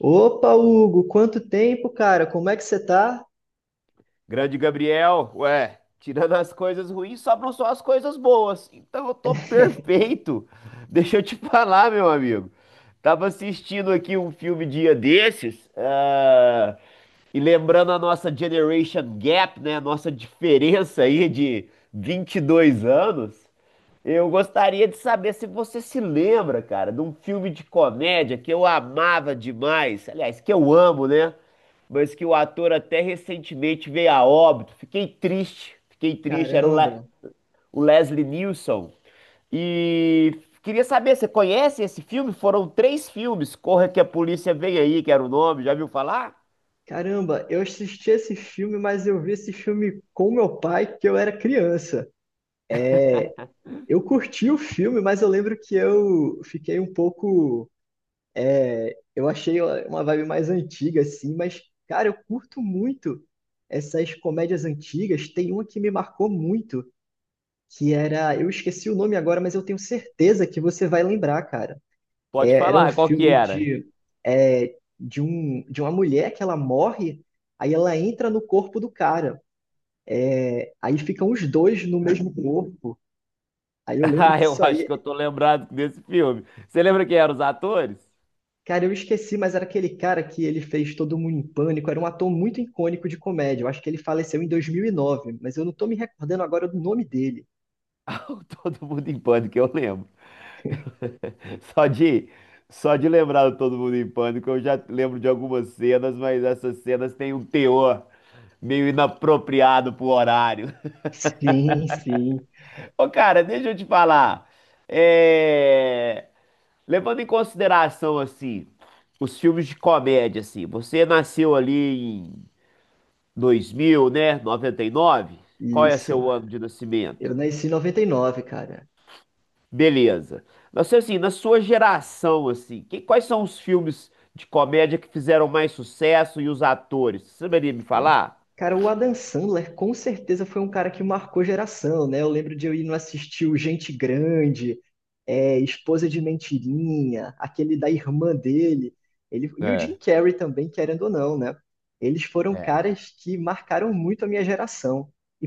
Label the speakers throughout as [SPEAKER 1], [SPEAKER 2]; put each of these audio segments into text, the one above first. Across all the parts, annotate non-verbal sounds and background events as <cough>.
[SPEAKER 1] Opa, Hugo, quanto tempo, cara? Como é que você tá?
[SPEAKER 2] Grande Gabriel, ué, tirando as coisas ruins, sobram só as coisas boas. Então eu tô
[SPEAKER 1] <laughs>
[SPEAKER 2] perfeito. <laughs> Deixa eu te <laughs> falar, meu amigo. Tava assistindo aqui um filme dia desses, e lembrando a nossa generation gap, né? A nossa diferença aí de 22 anos. Eu gostaria de saber se você se lembra, cara, de um filme de comédia que eu amava demais. Aliás, que eu amo, né, mas que o ator até recentemente veio a óbito. Fiquei triste, fiquei triste. Era o, Le-
[SPEAKER 1] Caramba,
[SPEAKER 2] o Leslie Nielsen. E queria saber, você conhece esse filme? Foram três filmes. Corra que a polícia vem aí, que era o nome. Já viu falar?
[SPEAKER 1] eu assisti esse filme, mas eu vi esse filme com meu pai que eu era criança. Eu curti o filme, mas eu lembro que eu fiquei um pouco. Eu achei uma vibe mais antiga, assim, mas, cara, eu curto muito essas comédias antigas. Tem uma que me marcou muito, que era. Eu esqueci o nome agora, mas eu tenho certeza que você vai lembrar, cara.
[SPEAKER 2] Pode
[SPEAKER 1] Era um
[SPEAKER 2] falar, qual que
[SPEAKER 1] filme
[SPEAKER 2] era? <laughs>
[SPEAKER 1] de, de uma mulher que ela morre, aí ela entra no corpo do cara. Aí ficam os dois no mesmo <laughs> corpo. Aí eu lembro
[SPEAKER 2] Ah,
[SPEAKER 1] que
[SPEAKER 2] eu
[SPEAKER 1] isso
[SPEAKER 2] acho
[SPEAKER 1] aí.
[SPEAKER 2] que eu tô lembrado desse filme. Você lembra quem eram os atores? <laughs>
[SPEAKER 1] Cara, eu esqueci, mas era aquele cara que ele fez Todo Mundo em Pânico. Era um ator muito icônico de comédia. Eu acho que ele faleceu em 2009, mas eu não tô me recordando agora do nome dele.
[SPEAKER 2] Ah, o Todo Mundo em Pânico, eu lembro. Só de, só de lembrar do Todo Mundo em Pânico, eu já lembro de algumas cenas, mas essas cenas têm um teor meio inapropriado pro horário.
[SPEAKER 1] <laughs> Sim, sim,
[SPEAKER 2] <laughs> Ô, cara, deixa eu te falar. É, levando em consideração, assim, os filmes de comédia, assim, você nasceu ali em 2000, né? 99? Qual é
[SPEAKER 1] isso.
[SPEAKER 2] seu ano de
[SPEAKER 1] Eu
[SPEAKER 2] nascimento?
[SPEAKER 1] nasci em 99, cara.
[SPEAKER 2] Beleza. Mas assim, na sua geração, assim, quais são os filmes de comédia que fizeram mais sucesso e os atores? Você saberia me
[SPEAKER 1] Sim.
[SPEAKER 2] falar?
[SPEAKER 1] Cara, o Adam Sandler com certeza foi um cara que marcou geração, né? Eu lembro de eu ir no assistir o Gente Grande, Esposa de Mentirinha, aquele da irmã dele, ele, e o Jim
[SPEAKER 2] É,
[SPEAKER 1] Carrey também, querendo ou não, né? Eles foram
[SPEAKER 2] é.
[SPEAKER 1] caras que marcaram muito a minha geração. E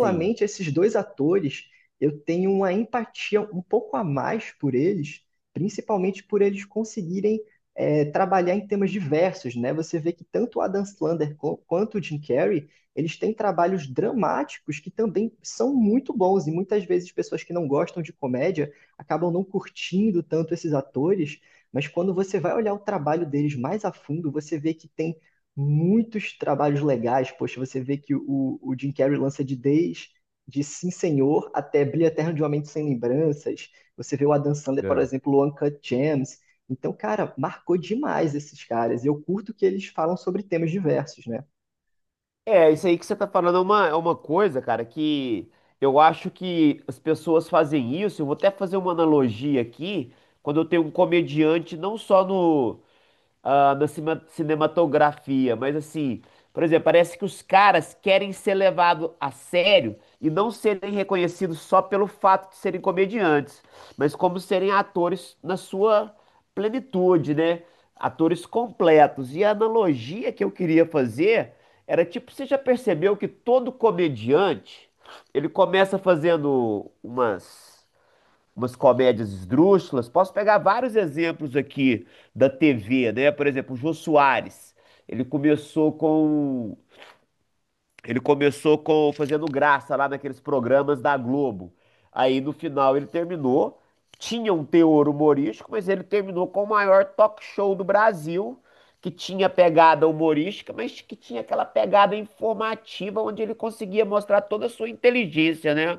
[SPEAKER 2] Sim.
[SPEAKER 1] esses dois atores, eu tenho uma empatia um pouco a mais por eles, principalmente por eles conseguirem trabalhar em temas diversos, né? Você vê que tanto o Adam Sandler quanto o Jim Carrey, eles têm trabalhos dramáticos que também são muito bons, e muitas vezes pessoas que não gostam de comédia acabam não curtindo tanto esses atores, mas quando você vai olhar o trabalho deles mais a fundo, você vê que tem muitos trabalhos legais, poxa, você vê que o Jim Carrey lança de desde de Sim Senhor até Brilho Eterno de Uma Mente Sem Lembranças, você vê o Adam Sandler, por
[SPEAKER 2] É.
[SPEAKER 1] exemplo, o Uncut Gems, então, cara, marcou demais esses caras. E eu curto que eles falam sobre temas diversos, né?
[SPEAKER 2] É, isso aí que você tá falando é uma coisa, cara, que eu acho que as pessoas fazem isso. Eu vou até fazer uma analogia aqui, quando eu tenho um comediante, não só no, ah, na cima- cinematografia, mas assim, por exemplo, parece que os caras querem ser levados a sério e não serem reconhecidos só pelo fato de serem comediantes, mas como serem atores na sua plenitude, né? Atores completos. E a analogia que eu queria fazer era tipo, você já percebeu que todo comediante, ele começa fazendo umas comédias esdrúxulas. Posso pegar vários exemplos aqui da TV, né? Por exemplo, o Jô Soares. Ele começou com ele começou com fazendo graça lá naqueles programas da Globo. Aí no final ele terminou, tinha um teor humorístico, mas ele terminou com o maior talk show do Brasil, que tinha pegada humorística, mas que tinha aquela pegada informativa onde ele conseguia mostrar toda a sua inteligência, né?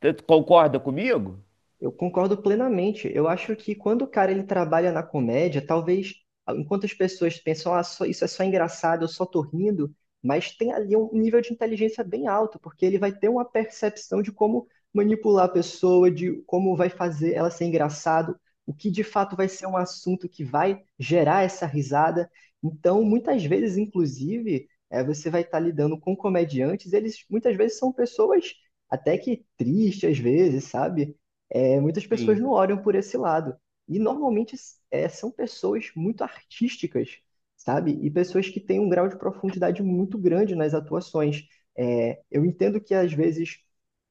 [SPEAKER 2] Concorda comigo?
[SPEAKER 1] Eu concordo plenamente. Eu acho que quando o cara ele trabalha na comédia, talvez ah, enquanto as pessoas pensam, ah, só- isso é só engraçado, eu só tô rindo, mas tem ali um nível de inteligência bem alto, porque ele vai ter uma percepção de como manipular a pessoa, de como vai fazer ela ser engraçado, o que de fato vai ser um assunto que vai gerar essa risada. Então, muitas vezes, inclusive, você vai estar lidando com comediantes, eles muitas vezes são pessoas até que tristes às vezes, sabe? Muitas pessoas
[SPEAKER 2] Sim.
[SPEAKER 1] não olham por esse lado. E normalmente são pessoas muito artísticas, sabe? E pessoas que têm um grau de profundidade muito grande nas atuações. É, eu entendo que às vezes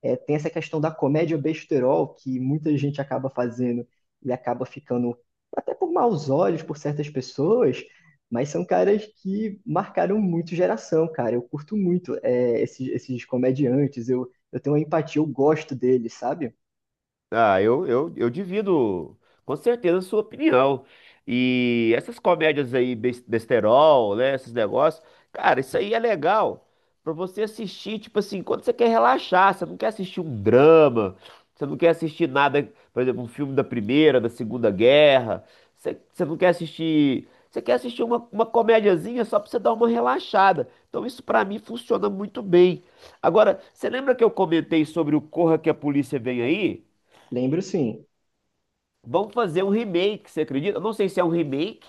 [SPEAKER 1] tem essa questão da comédia besterol que muita gente acaba fazendo e acaba ficando até por maus olhos por certas pessoas, mas são caras que marcaram muito geração, cara. Eu curto muito esses comediantes, eu tenho uma empatia, eu gosto deles, sabe?
[SPEAKER 2] Ah, eu divido com certeza a sua opinião. E essas comédias aí, besterol, né? Esses negócios, cara, isso aí é legal pra você assistir, tipo assim, quando você quer relaxar, você não quer assistir um drama, você não quer assistir nada, por exemplo, um filme da Primeira, da Segunda Guerra, você não quer assistir. Você quer assistir uma comédiazinha só pra você dar uma relaxada. Então isso pra mim funciona muito bem. Agora, você lembra que eu comentei sobre o Corra que a Polícia Vem Aí?
[SPEAKER 1] Lembro sim.
[SPEAKER 2] Vão fazer um remake, você acredita? Eu não sei se é um remake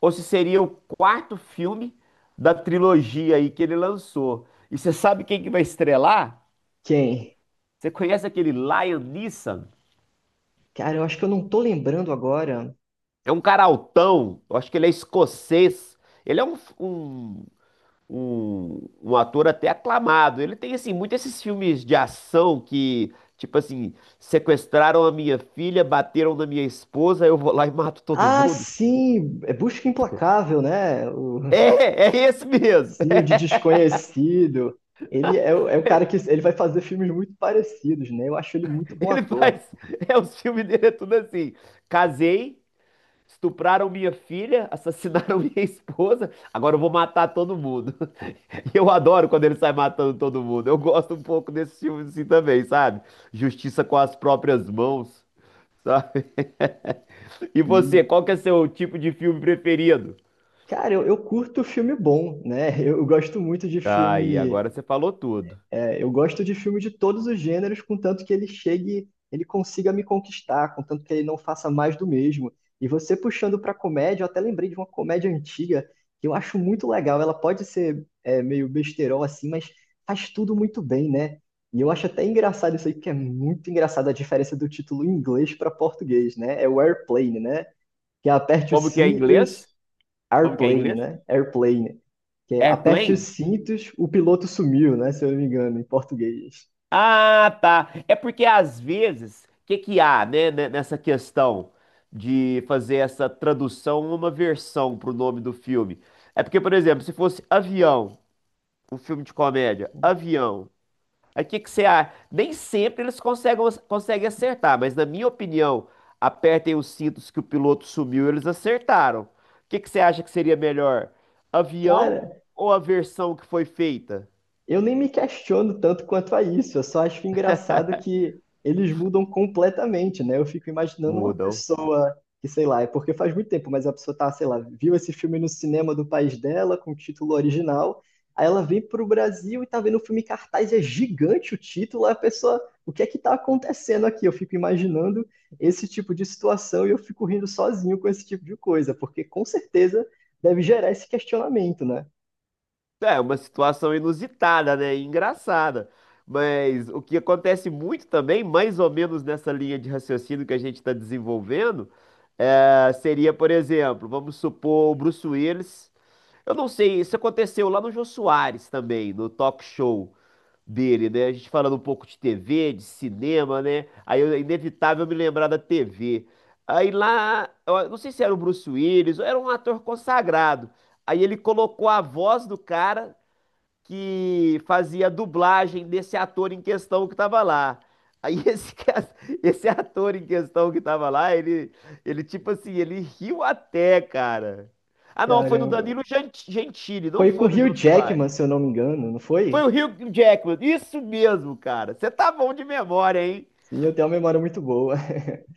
[SPEAKER 2] ou se seria o quarto filme da trilogia aí que ele lançou. E você sabe quem que vai estrelar?
[SPEAKER 1] Quem?
[SPEAKER 2] Você conhece aquele Liam Neeson?
[SPEAKER 1] Cara, eu acho que eu não tô lembrando agora.
[SPEAKER 2] É um cara altão, eu acho que ele é escocês. Ele é um ator até aclamado. Ele tem, assim, muitos esses filmes de ação que, tipo assim, sequestraram a minha filha, bateram na minha esposa, eu vou lá e mato todo
[SPEAKER 1] Ah,
[SPEAKER 2] mundo.
[SPEAKER 1] sim! É Busca Implacável, né? O
[SPEAKER 2] É, é esse mesmo.
[SPEAKER 1] Cio de Desconhecido. É o cara que ele vai fazer filmes muito parecidos, né? Eu acho ele muito bom
[SPEAKER 2] Ele
[SPEAKER 1] ator.
[SPEAKER 2] faz. É, os filmes dele é tudo assim. Casei, estupraram minha filha, assassinaram <laughs> minha esposa, agora eu vou matar todo mundo. <laughs> E eu adoro quando ele sai matando todo mundo. Eu gosto um pouco desse filme assim também, sabe? Justiça com as próprias mãos, sabe? E
[SPEAKER 1] E,
[SPEAKER 2] você, qual que é seu tipo de filme preferido?
[SPEAKER 1] cara, eu curto filme bom, né? <laughs> Eu gosto muito de
[SPEAKER 2] Ah, e
[SPEAKER 1] filme.
[SPEAKER 2] agora você falou tudo.
[SPEAKER 1] É, eu gosto de filme de todos os gêneros, contanto que ele chegue, ele consiga me conquistar, contanto que ele não faça mais do mesmo. E você puxando para comédia, eu até lembrei de uma comédia antiga que eu acho muito legal. Ela pode ser meio besterol assim, mas faz tudo muito bem, né? E eu acho até engraçado isso aí, porque é muito engraçado a diferença do título em inglês para português, né? É o Airplane, né? Que é aperte
[SPEAKER 2] Como
[SPEAKER 1] os
[SPEAKER 2] que é em inglês?
[SPEAKER 1] cintos,
[SPEAKER 2] Como que é em
[SPEAKER 1] Airplane,
[SPEAKER 2] inglês?
[SPEAKER 1] né? Airplane. Que é aperte os
[SPEAKER 2] Airplane?
[SPEAKER 1] cintos, o piloto sumiu, né? Se eu não me engano, em português.
[SPEAKER 2] Ah, tá. É porque às vezes, o que que há, né, nessa questão de fazer essa tradução uma versão pro nome do filme? É porque, por exemplo, se fosse Avião, um filme de comédia, Avião, aí o que que você acha? Nem sempre eles conseguem acertar, mas na minha opinião, apertem os cintos que o piloto sumiu, eles acertaram. O que que você acha que seria melhor? Avião
[SPEAKER 1] Cara,
[SPEAKER 2] ou a versão que foi feita?
[SPEAKER 1] eu nem me questiono tanto quanto a isso, eu só acho engraçado que eles mudam completamente, né? Eu fico imaginando uma
[SPEAKER 2] Mudam.
[SPEAKER 1] pessoa que, sei lá, é porque faz muito tempo, mas a pessoa tá, sei lá, viu esse filme no cinema do país dela, com o título original, aí ela vem pro Brasil e tá vendo o filme em cartaz, é gigante o título, aí a pessoa, o que é que tá acontecendo aqui? Eu fico imaginando esse tipo de situação e eu fico rindo sozinho com esse tipo de coisa, porque com certeza deve gerar esse questionamento, né?
[SPEAKER 2] É uma situação inusitada, né, e engraçada. Mas o que acontece muito também, mais ou menos nessa linha de raciocínio que a gente está desenvolvendo, seria, por exemplo, vamos supor o Bruce Willis. Eu não sei, isso aconteceu lá no Jô Soares também, no talk show dele, né? A gente falando um pouco de TV, de cinema, né? Aí é inevitável me lembrar da TV. Aí lá, eu não sei se era o Bruce Willis, ou era um ator consagrado. Aí ele colocou a voz do cara que fazia a dublagem desse ator em questão que estava lá. Aí <laughs> esse ator em questão que estava lá, ele tipo assim, ele riu até, cara. Ah, não, foi no
[SPEAKER 1] Caramba.
[SPEAKER 2] Danilo Gentili, não
[SPEAKER 1] Foi com o
[SPEAKER 2] foi no Jô
[SPEAKER 1] Hugh
[SPEAKER 2] Soares.
[SPEAKER 1] Jackman, se eu não me engano, não
[SPEAKER 2] Foi
[SPEAKER 1] foi?
[SPEAKER 2] o Hugh Jackman, isso mesmo, cara. Você tá bom de memória, hein?
[SPEAKER 1] Sim, eu tenho uma memória muito boa. <laughs>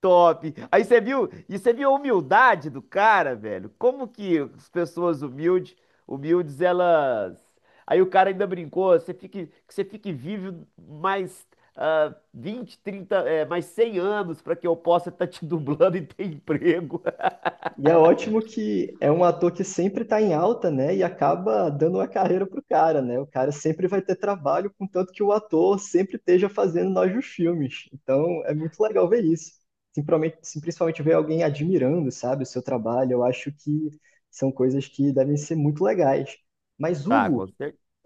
[SPEAKER 2] Top. Aí você viu, e você viu a humildade do cara, velho? Como que as pessoas humildes, humildes, elas. Aí o cara ainda brincou, você fique, que você fique vivo mais 20, 30, mais 100 anos para que eu possa estar te <laughs> dublando e ter emprego. <laughs>
[SPEAKER 1] E é ótimo que é um ator que sempre está em alta, né? E acaba dando uma carreira pro cara, né? O cara sempre vai ter trabalho, contanto que o ator sempre esteja fazendo novos filmes. Então é muito legal ver isso. Sim, sim, principalmente ver alguém admirando, sabe, o seu trabalho. Eu acho que são coisas que devem ser muito legais. Mas,
[SPEAKER 2] Tá,
[SPEAKER 1] Hugo,
[SPEAKER 2] com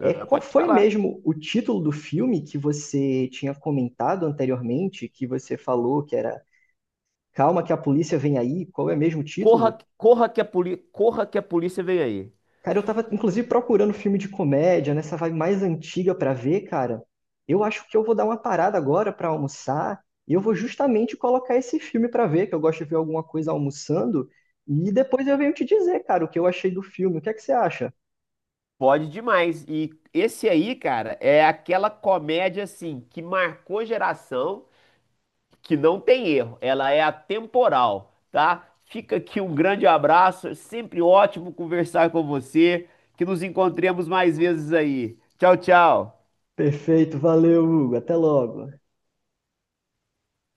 [SPEAKER 1] é, qual
[SPEAKER 2] Pode
[SPEAKER 1] foi
[SPEAKER 2] falar.
[SPEAKER 1] mesmo o título do filme que você tinha comentado anteriormente, que você falou que era Calma que a polícia vem aí? Qual é mesmo o título?
[SPEAKER 2] Corra que a polícia vem aí.
[SPEAKER 1] Cara, eu tava inclusive procurando filme de comédia, nessa vibe mais antiga pra ver, cara. Eu acho que eu vou dar uma parada agora pra almoçar e eu vou justamente colocar esse filme pra ver, que eu gosto de ver alguma coisa almoçando, e depois eu venho te dizer, cara, o que eu achei do filme. O que é que você acha?
[SPEAKER 2] Pode demais. E esse aí, cara, é aquela comédia assim que marcou geração. Que não tem erro, ela é atemporal, tá? Fica aqui um grande abraço, é sempre ótimo conversar com você, que nos encontremos mais vezes aí. Tchau, tchau.
[SPEAKER 1] Perfeito, valeu, Hugo. Até logo.